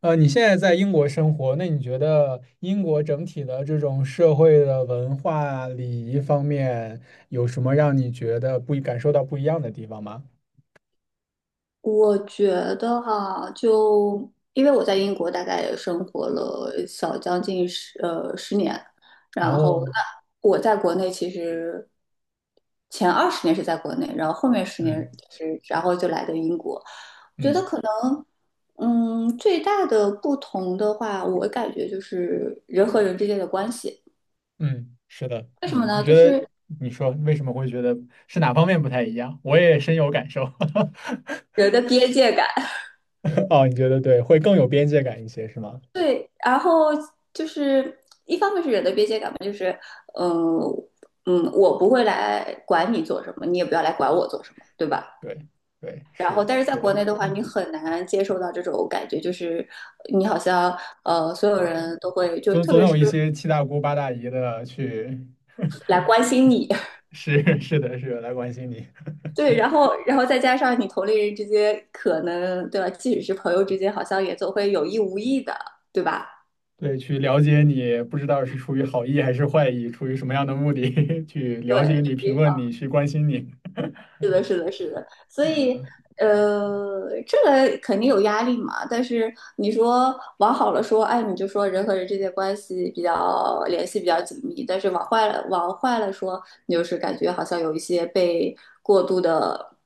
你现在在英国生活，那你觉得英国整体的这种社会的文化礼仪方面，有什么让你觉得不一感受到不一样的地方吗？我觉得哈，就因为我在英国大概也生活了小将近十年，然后哦，我在国内其实前20年是在国内，然后后面十年嗯是然后就来的英国。我觉得嗯可能，最大的不同的话，我感觉就是人和人之间的关系。嗯，是的，为什么嗯，你呢？觉就得是你说为什么会觉得是哪方面不太一样？我也深有感受。人 的边界感。哦，你觉得对，会更有边界感一些，是吗？对，然后就是一方面是人的边界感吧，就是，嗯、我不会来管你做什么，你也不要来管我做什么，对吧？对对，然后，是但是在是国的，内的话，你很难接受到这种感觉，就是你好像所有人都会，就总特总别有是一些七大姑八大姨的去，来关心你，是 是的是的来关心你。对，然后，然后再加上你同龄人之间可能，对吧？即使是朋友之间，好像也总会有意无意的，对吧？对，去了解你，不知道是出于好意还是坏意，出于什么样的目的 去了对，解你、评论你、去关心你。是的，是的，是的，所以嗯，这个肯定有压力嘛。但是你说往好了说，哎，你就说人和人之间关系比较联系比较紧密；但是往坏了，往坏了说，你就是感觉好像有一些被过度的，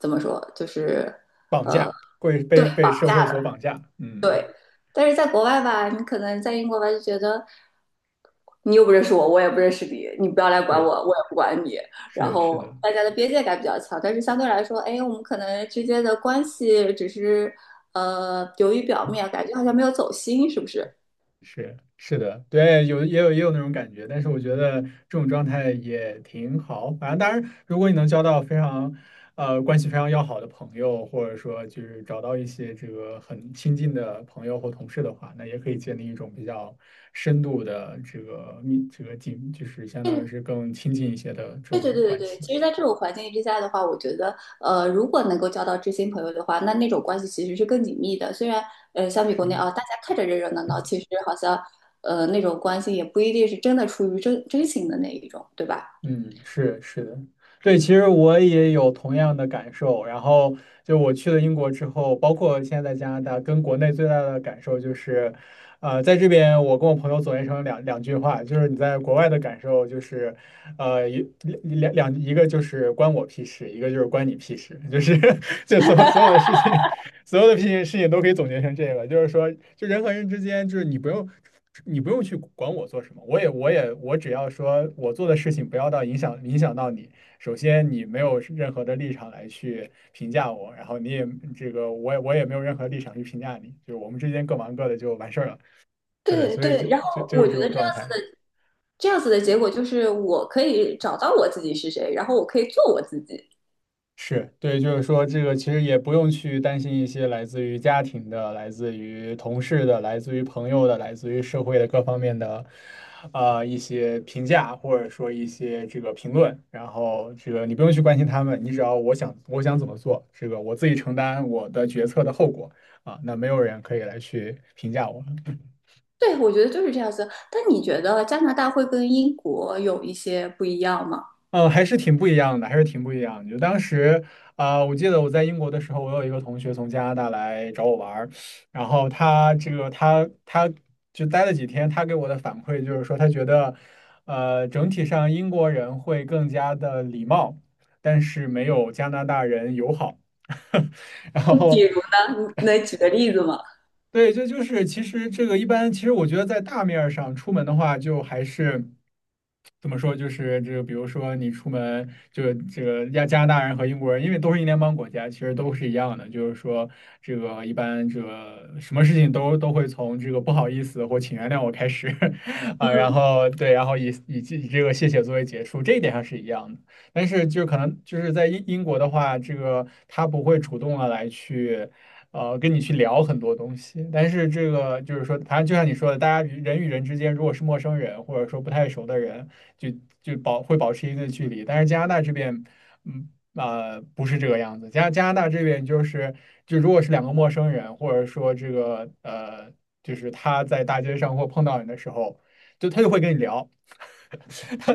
怎么说，就是绑架，会被对被社会所绑架。嗯，对。但是在国外吧，你可能在英国吧，就觉得。你又不认识我，我也不认识你，你不要来管我，是我也不管你。然是是后的。大家的边界感比较强，但是相对来说，哎，我们可能之间的关系只是流于表面，感觉好像没有走心，是不是？是的，对，有也有也有那种感觉，但是我觉得这种状态也挺好。反正当然，如果你能交到非常呃关系非常要好的朋友，或者说就是找到一些这个很亲近的朋友或同事的话，那也可以建立一种比较深度的这个密这个紧，就是相当于嗯，是更亲近一些的这对种对对对关对。系。其实，在这种环境之下的话，我觉得如果能够交到知心朋友的话，那那种关系其实是更紧密的。虽然相比国内是。啊，大家看着热热闹闹，其实好像那种关系也不一定是真的出于真真心的那一种，对吧？嗯，是的，对，其实我也有同样的感受。然后就我去了英国之后，包括现在在加拿大，跟国内最大的感受就是，在这边我跟我朋友总结成两句话，就是你在国外的感受就是，一两两一个就是关我屁事，一个就是关你屁事，就是 就所有的事情都可以总结成这个，就是说，就人和人之间，就是你不用去管我做什么，我只要说我做的事情不要影响到你。首先，你没有任何的立场来去评价我，然后你也这个我也我也没有任何立场去评价你，就是我们之间各忙各的就完事儿了。啊，对，对所以就对，然后就就我是觉这得种这样状态。这样子的结果就是我可以找到我自己是谁，然后我可以做我自己。是对，就是说这个其实也不用去担心一些来自于家庭的、来自于同事的、来自于朋友的、来自于社会的各方面的，一些评价或者说一些这个评论。然后这个你不用去关心他们，你只要我想怎么做，这个我自己承担我的决策的后果啊，那没有人可以来去评价我。对，我觉得就是这样子。但你觉得加拿大会跟英国有一些不一样吗？嗯，还是挺不一样的，还是挺不一样的。就当时啊，我记得我在英国的时候，我有一个同学从加拿大来找我玩儿，然后他这个他他就待了几天，他给我的反馈就是说，他觉得整体上英国人会更加的礼貌，但是没有加拿大人友好。然 比后，如呢，你能举个例子吗？对，这就是其实这个一般，其实我觉得在大面儿上出门的话，就还是。怎么说？就是这个，比如说你出门，就这个加拿大人和英国人，因为都是英联邦国家，其实都是一样的。就是说，这个一般这个什么事情都会从这个不好意思或请原谅我开始 啊，然后对，然后以这个谢谢作为结束，这一点上是一样的。但是就可能就是在英国的话，这个他不会主动的来去。跟你去聊很多东西。但是这个就是说，反正就像你说的，大家与人与人之间，如果是陌生人或者说不太熟的人，就就保持一定的距离。但是加拿大这边，嗯不是这个样子。加拿大这边就是，就如果是两个陌生人，或者说就是他在大街上或碰到你的时候，就他就会跟你聊，他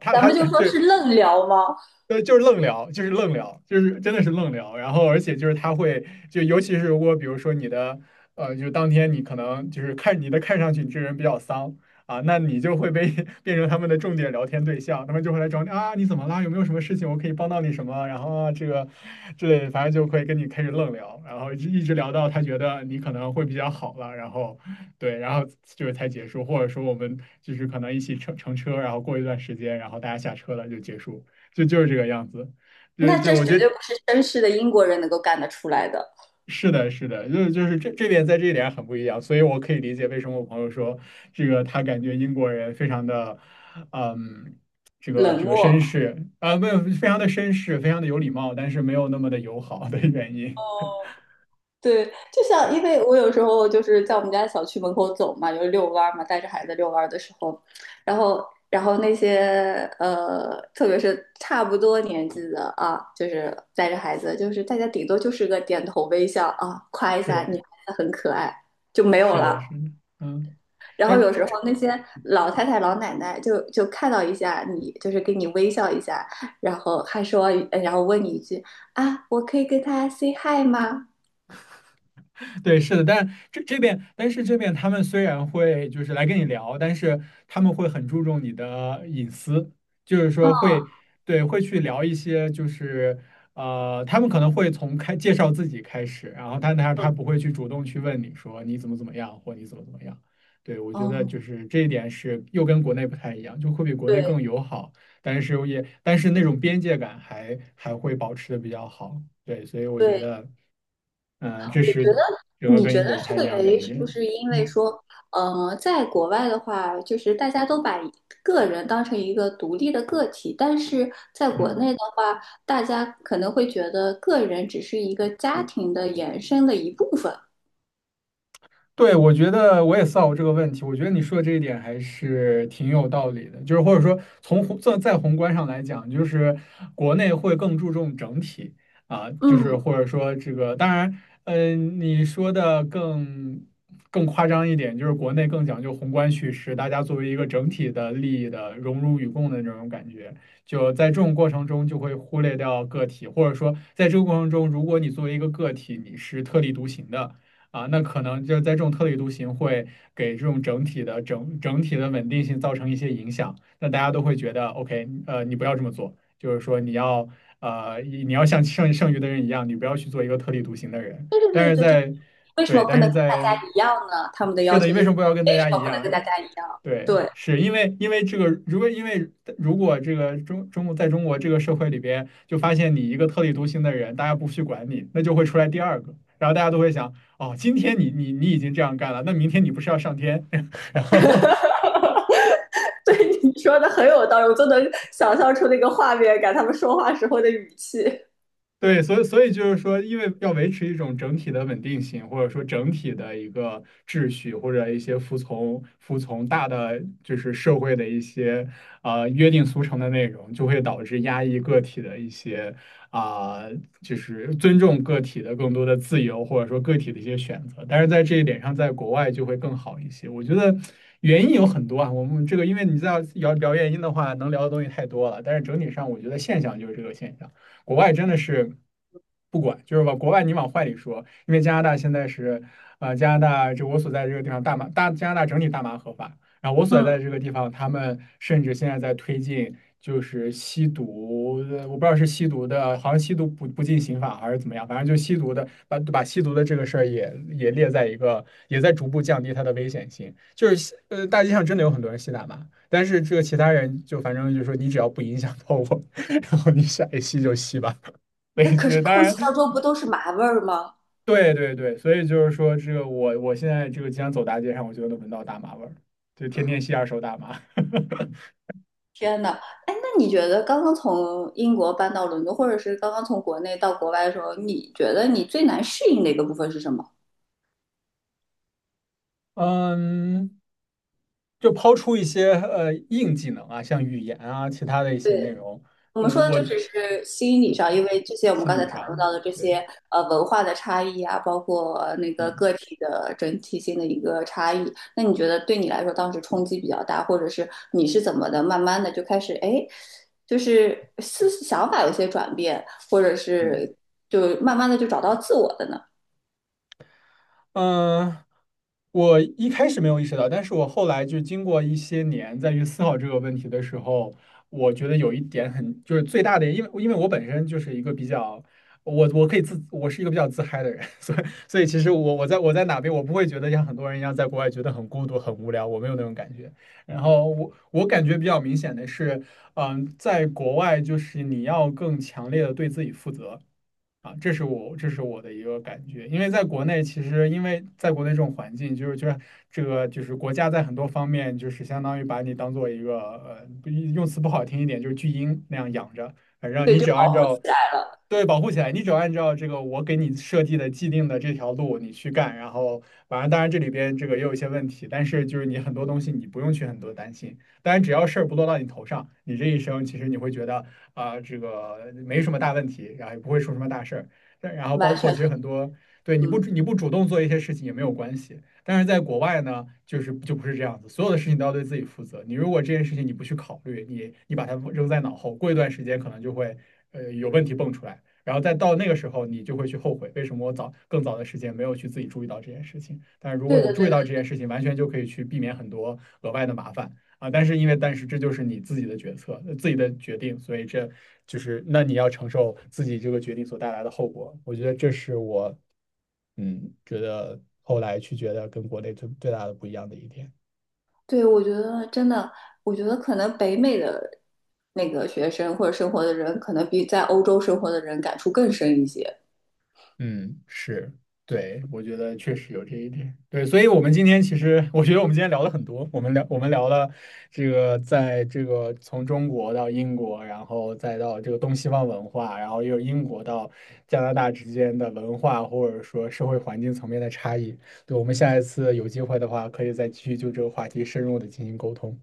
他咱他们就他说是对愣聊吗？对，就是愣聊，就是愣聊，就是真的是愣聊。然后，而且就是他会，就尤其是如果比如说你的，就是当天你可能就是看你的看上去你这个人比较丧啊，那你就会被 变成他们的重点聊天对象，他们就会来找你啊，你怎么啦？有没有什么事情我可以帮到你什么？然后啊，这个之类的，反正就会跟你开始愣聊，然后一直聊到他觉得你可能会比较好了，然后对，然后就是才结束，或者说我们就是可能一起乘车，然后过一段时间，然后大家下车了就结束。就是这个样子，就那就这我绝觉得对不是绅士的英国人能够干得出来的，是的，是的，这一点很不一样，所以我可以理解为什么我朋友说这个他感觉英国人非常的，嗯，这个冷这个绅漠。士啊，没有非常的绅士，非常的有礼貌，但是没有那么的友好的原因。哦，对，就像因为我有时候就是在我们家小区门口走嘛，就是遛弯儿嘛，带着孩子遛弯儿的时候，然后那些特别是差不多年纪的啊，就是带着孩子，就是大家顶多就是个点头微笑啊，夸 一下是你孩子很可爱就没有是的，是了。的，嗯，然那后有这时候那些老太太、老奶奶就看到一下你，就是给你微笑一下，然后还说，然后问你一句啊，我可以跟他 say hi 吗？对，是的，但这边，但是这边他们虽然会就是来跟你聊，但是他们会很注重你的隐私，就是说会，对，会去聊一些就是他们可能会从介绍自己开始，然后但他不会去主动去问你说你怎么怎么样或你怎么怎么样。对，我觉得嗯，就是这一点是又跟国内不太一样，就会比国内对。更友好。但是那种边界感还会保持的比较好，对，所以我觉对，得，嗯，这你是觉得整个你跟觉英得国不这太一个样原的因一是不点，是因为嗯，说，在国外的话，就是大家都把个人当成一个独立的个体，但是在国嗯。内的话，大家可能会觉得个人只是一个家庭的延伸的一部分。对，我觉得我也思考过这个问题。我觉得你说的这一点还是挺有道理的，就是或者说从宏在再宏观上来讲，就是国内会更注重整体啊，就是嗯，或者说这个，当然，嗯，你说的更夸张一点，就是国内更讲究宏观叙事，大家作为一个整体的利益的荣辱与共的这种感觉，就在这种过程中就会忽略掉个体，或者说在这个过程中，如果你作为一个个体，你是特立独行的。啊，那可能就是在这种特立独行会给这种整体的整体的稳定性造成一些影响，那大家都会觉得，OK，你不要这么做，就是说你要你要像剩余的人一样，你不要去做一个特立独行的人。对对对但对是对，就是在为什对，么不但是能跟大家在一样呢？他们的是要的，求你为就什是么不要跟大为什家么一不能跟样？大家一样？对，对，是因为这个，如果这个中国这个社会里边，就发现你一个特立独行的人，大家不去管你，那就会出来第二个，然后大家都会想，哦，今天你已经这样干了，那明天你不是要上天？然后 对，你说的很有道理，我都能想象出那个画面感，他们说话时候的语气。对，所以就是说，因为要维持一种整体的稳定性，或者说整体的一个秩序，或者一些服从大的就是社会的一些约定俗成的内容，就会导致压抑个体的一些啊，就是尊重个体的更多的自由，或者说个体的一些选择。但是在这一点上，在国外就会更好一些。我觉得原因有很多啊，我们这个因为你在聊聊原因的话，能聊的东西太多了。但是整体上，我觉得现象就是这个现象。国外真的是不管，就是往国外你往坏里说，因为加拿大现在是，加拿大就我所在这个地方大麻大加拿大整体大麻合法，然后我所在的嗯。这个地方，他们甚至现在在推进就是吸毒，我不知道是吸毒的，好像吸毒不进刑法还是怎么样，反正就吸毒的把吸毒的这个事儿也列在一个，也在逐步降低它的危险性，就是大街上真的有很多人吸大麻。但是这个其他人就反正就说你只要不影响到我，然后你想一吸就吸吧，那没可是事。当空然，气当中不都是麻味儿吗？对对对，所以就是说这个我现在这个经常走大街上，我就能闻到大麻味儿，就天天吸二手大麻。天呐，哎，那你觉得刚刚从英国搬到伦敦，或者是刚刚从国内到国外的时候，你觉得你最难适应的一个部分是什么？嗯，就抛出一些硬技能啊，像语言啊，其他的一些内容，我我们说的我就只是心理上，嗯因为这些我们心刚才理谈论上到的这对，些文化的差异啊，包括那个个嗯体的整体性的一个差异。那你觉得对你来说当时冲击比较大，或者是你是怎么的，慢慢的就开始哎，诶就是思想法有些转变，或者嗯。是就慢慢的就找到自我的呢？嗯，我一开始没有意识到，但是我后来就经过一些年再去思考这个问题的时候，我觉得有一点很，就是最大的，因为我本身就是一个比较，我可以自，我是一个比较自嗨的人，所以其实我在我在哪边，我不会觉得像很多人一样在国外觉得很孤独、很无聊，我没有那种感觉。然后我感觉比较明显的是，嗯，在国外就是你要更强烈的对自己负责。啊，这是我的一个感觉，因为在国内，其实因为在国内这种环境，就是这个就是国家在很多方面就是相当于把你当做一个，不用词不好听一点，就是巨婴那样养着，反正对，你就只要按保护起照来了，对保护起来，你只要按照这个我给你设计的既定的这条路你去干，然后反正当然这里边这个也有一些问题，但是就是你很多东西你不用去很多担心，当然只要事儿不落到你头上，你这一生其实你会觉得。啊、这个没什么大问题，然后也不会出什么大事儿。然后包完括全其同实很多，对嗯，你不主动做一些事情也没有关系。但是在国外呢，就是就不是这样子，所有的事情都要对自己负责。你如果这件事情你不去考虑，你把它扔在脑后，过一段时间可能就会有问题蹦出来，然后再到那个时候你就会去后悔，为什么我早更早的时间没有去自己注意到这件事情？但是如果对我对注意对。到这件事情，完全就可以去避免很多额外的麻烦。啊，但是这就是你自己的决策，自己的决定，所以这就是那你要承受自己这个决定所带来的后果。我觉得这是我嗯觉得后来去觉得跟国内最大的不一样的一点。对，我觉得真的，我觉得可能北美的那个学生或者生活的人，可能比在欧洲生活的人感触更深一些。嗯，是，对，我觉得确实有这一点。对，所以我们今天其实，我觉得我们今天聊了很多，我们聊了这个，在这个从中国到英国，然后再到这个东西方文化，然后又英国到加拿大之间的文化或者说社会环境层面的差异。对，我们下一次有机会的话，可以再继续就这个话题深入的进行沟通。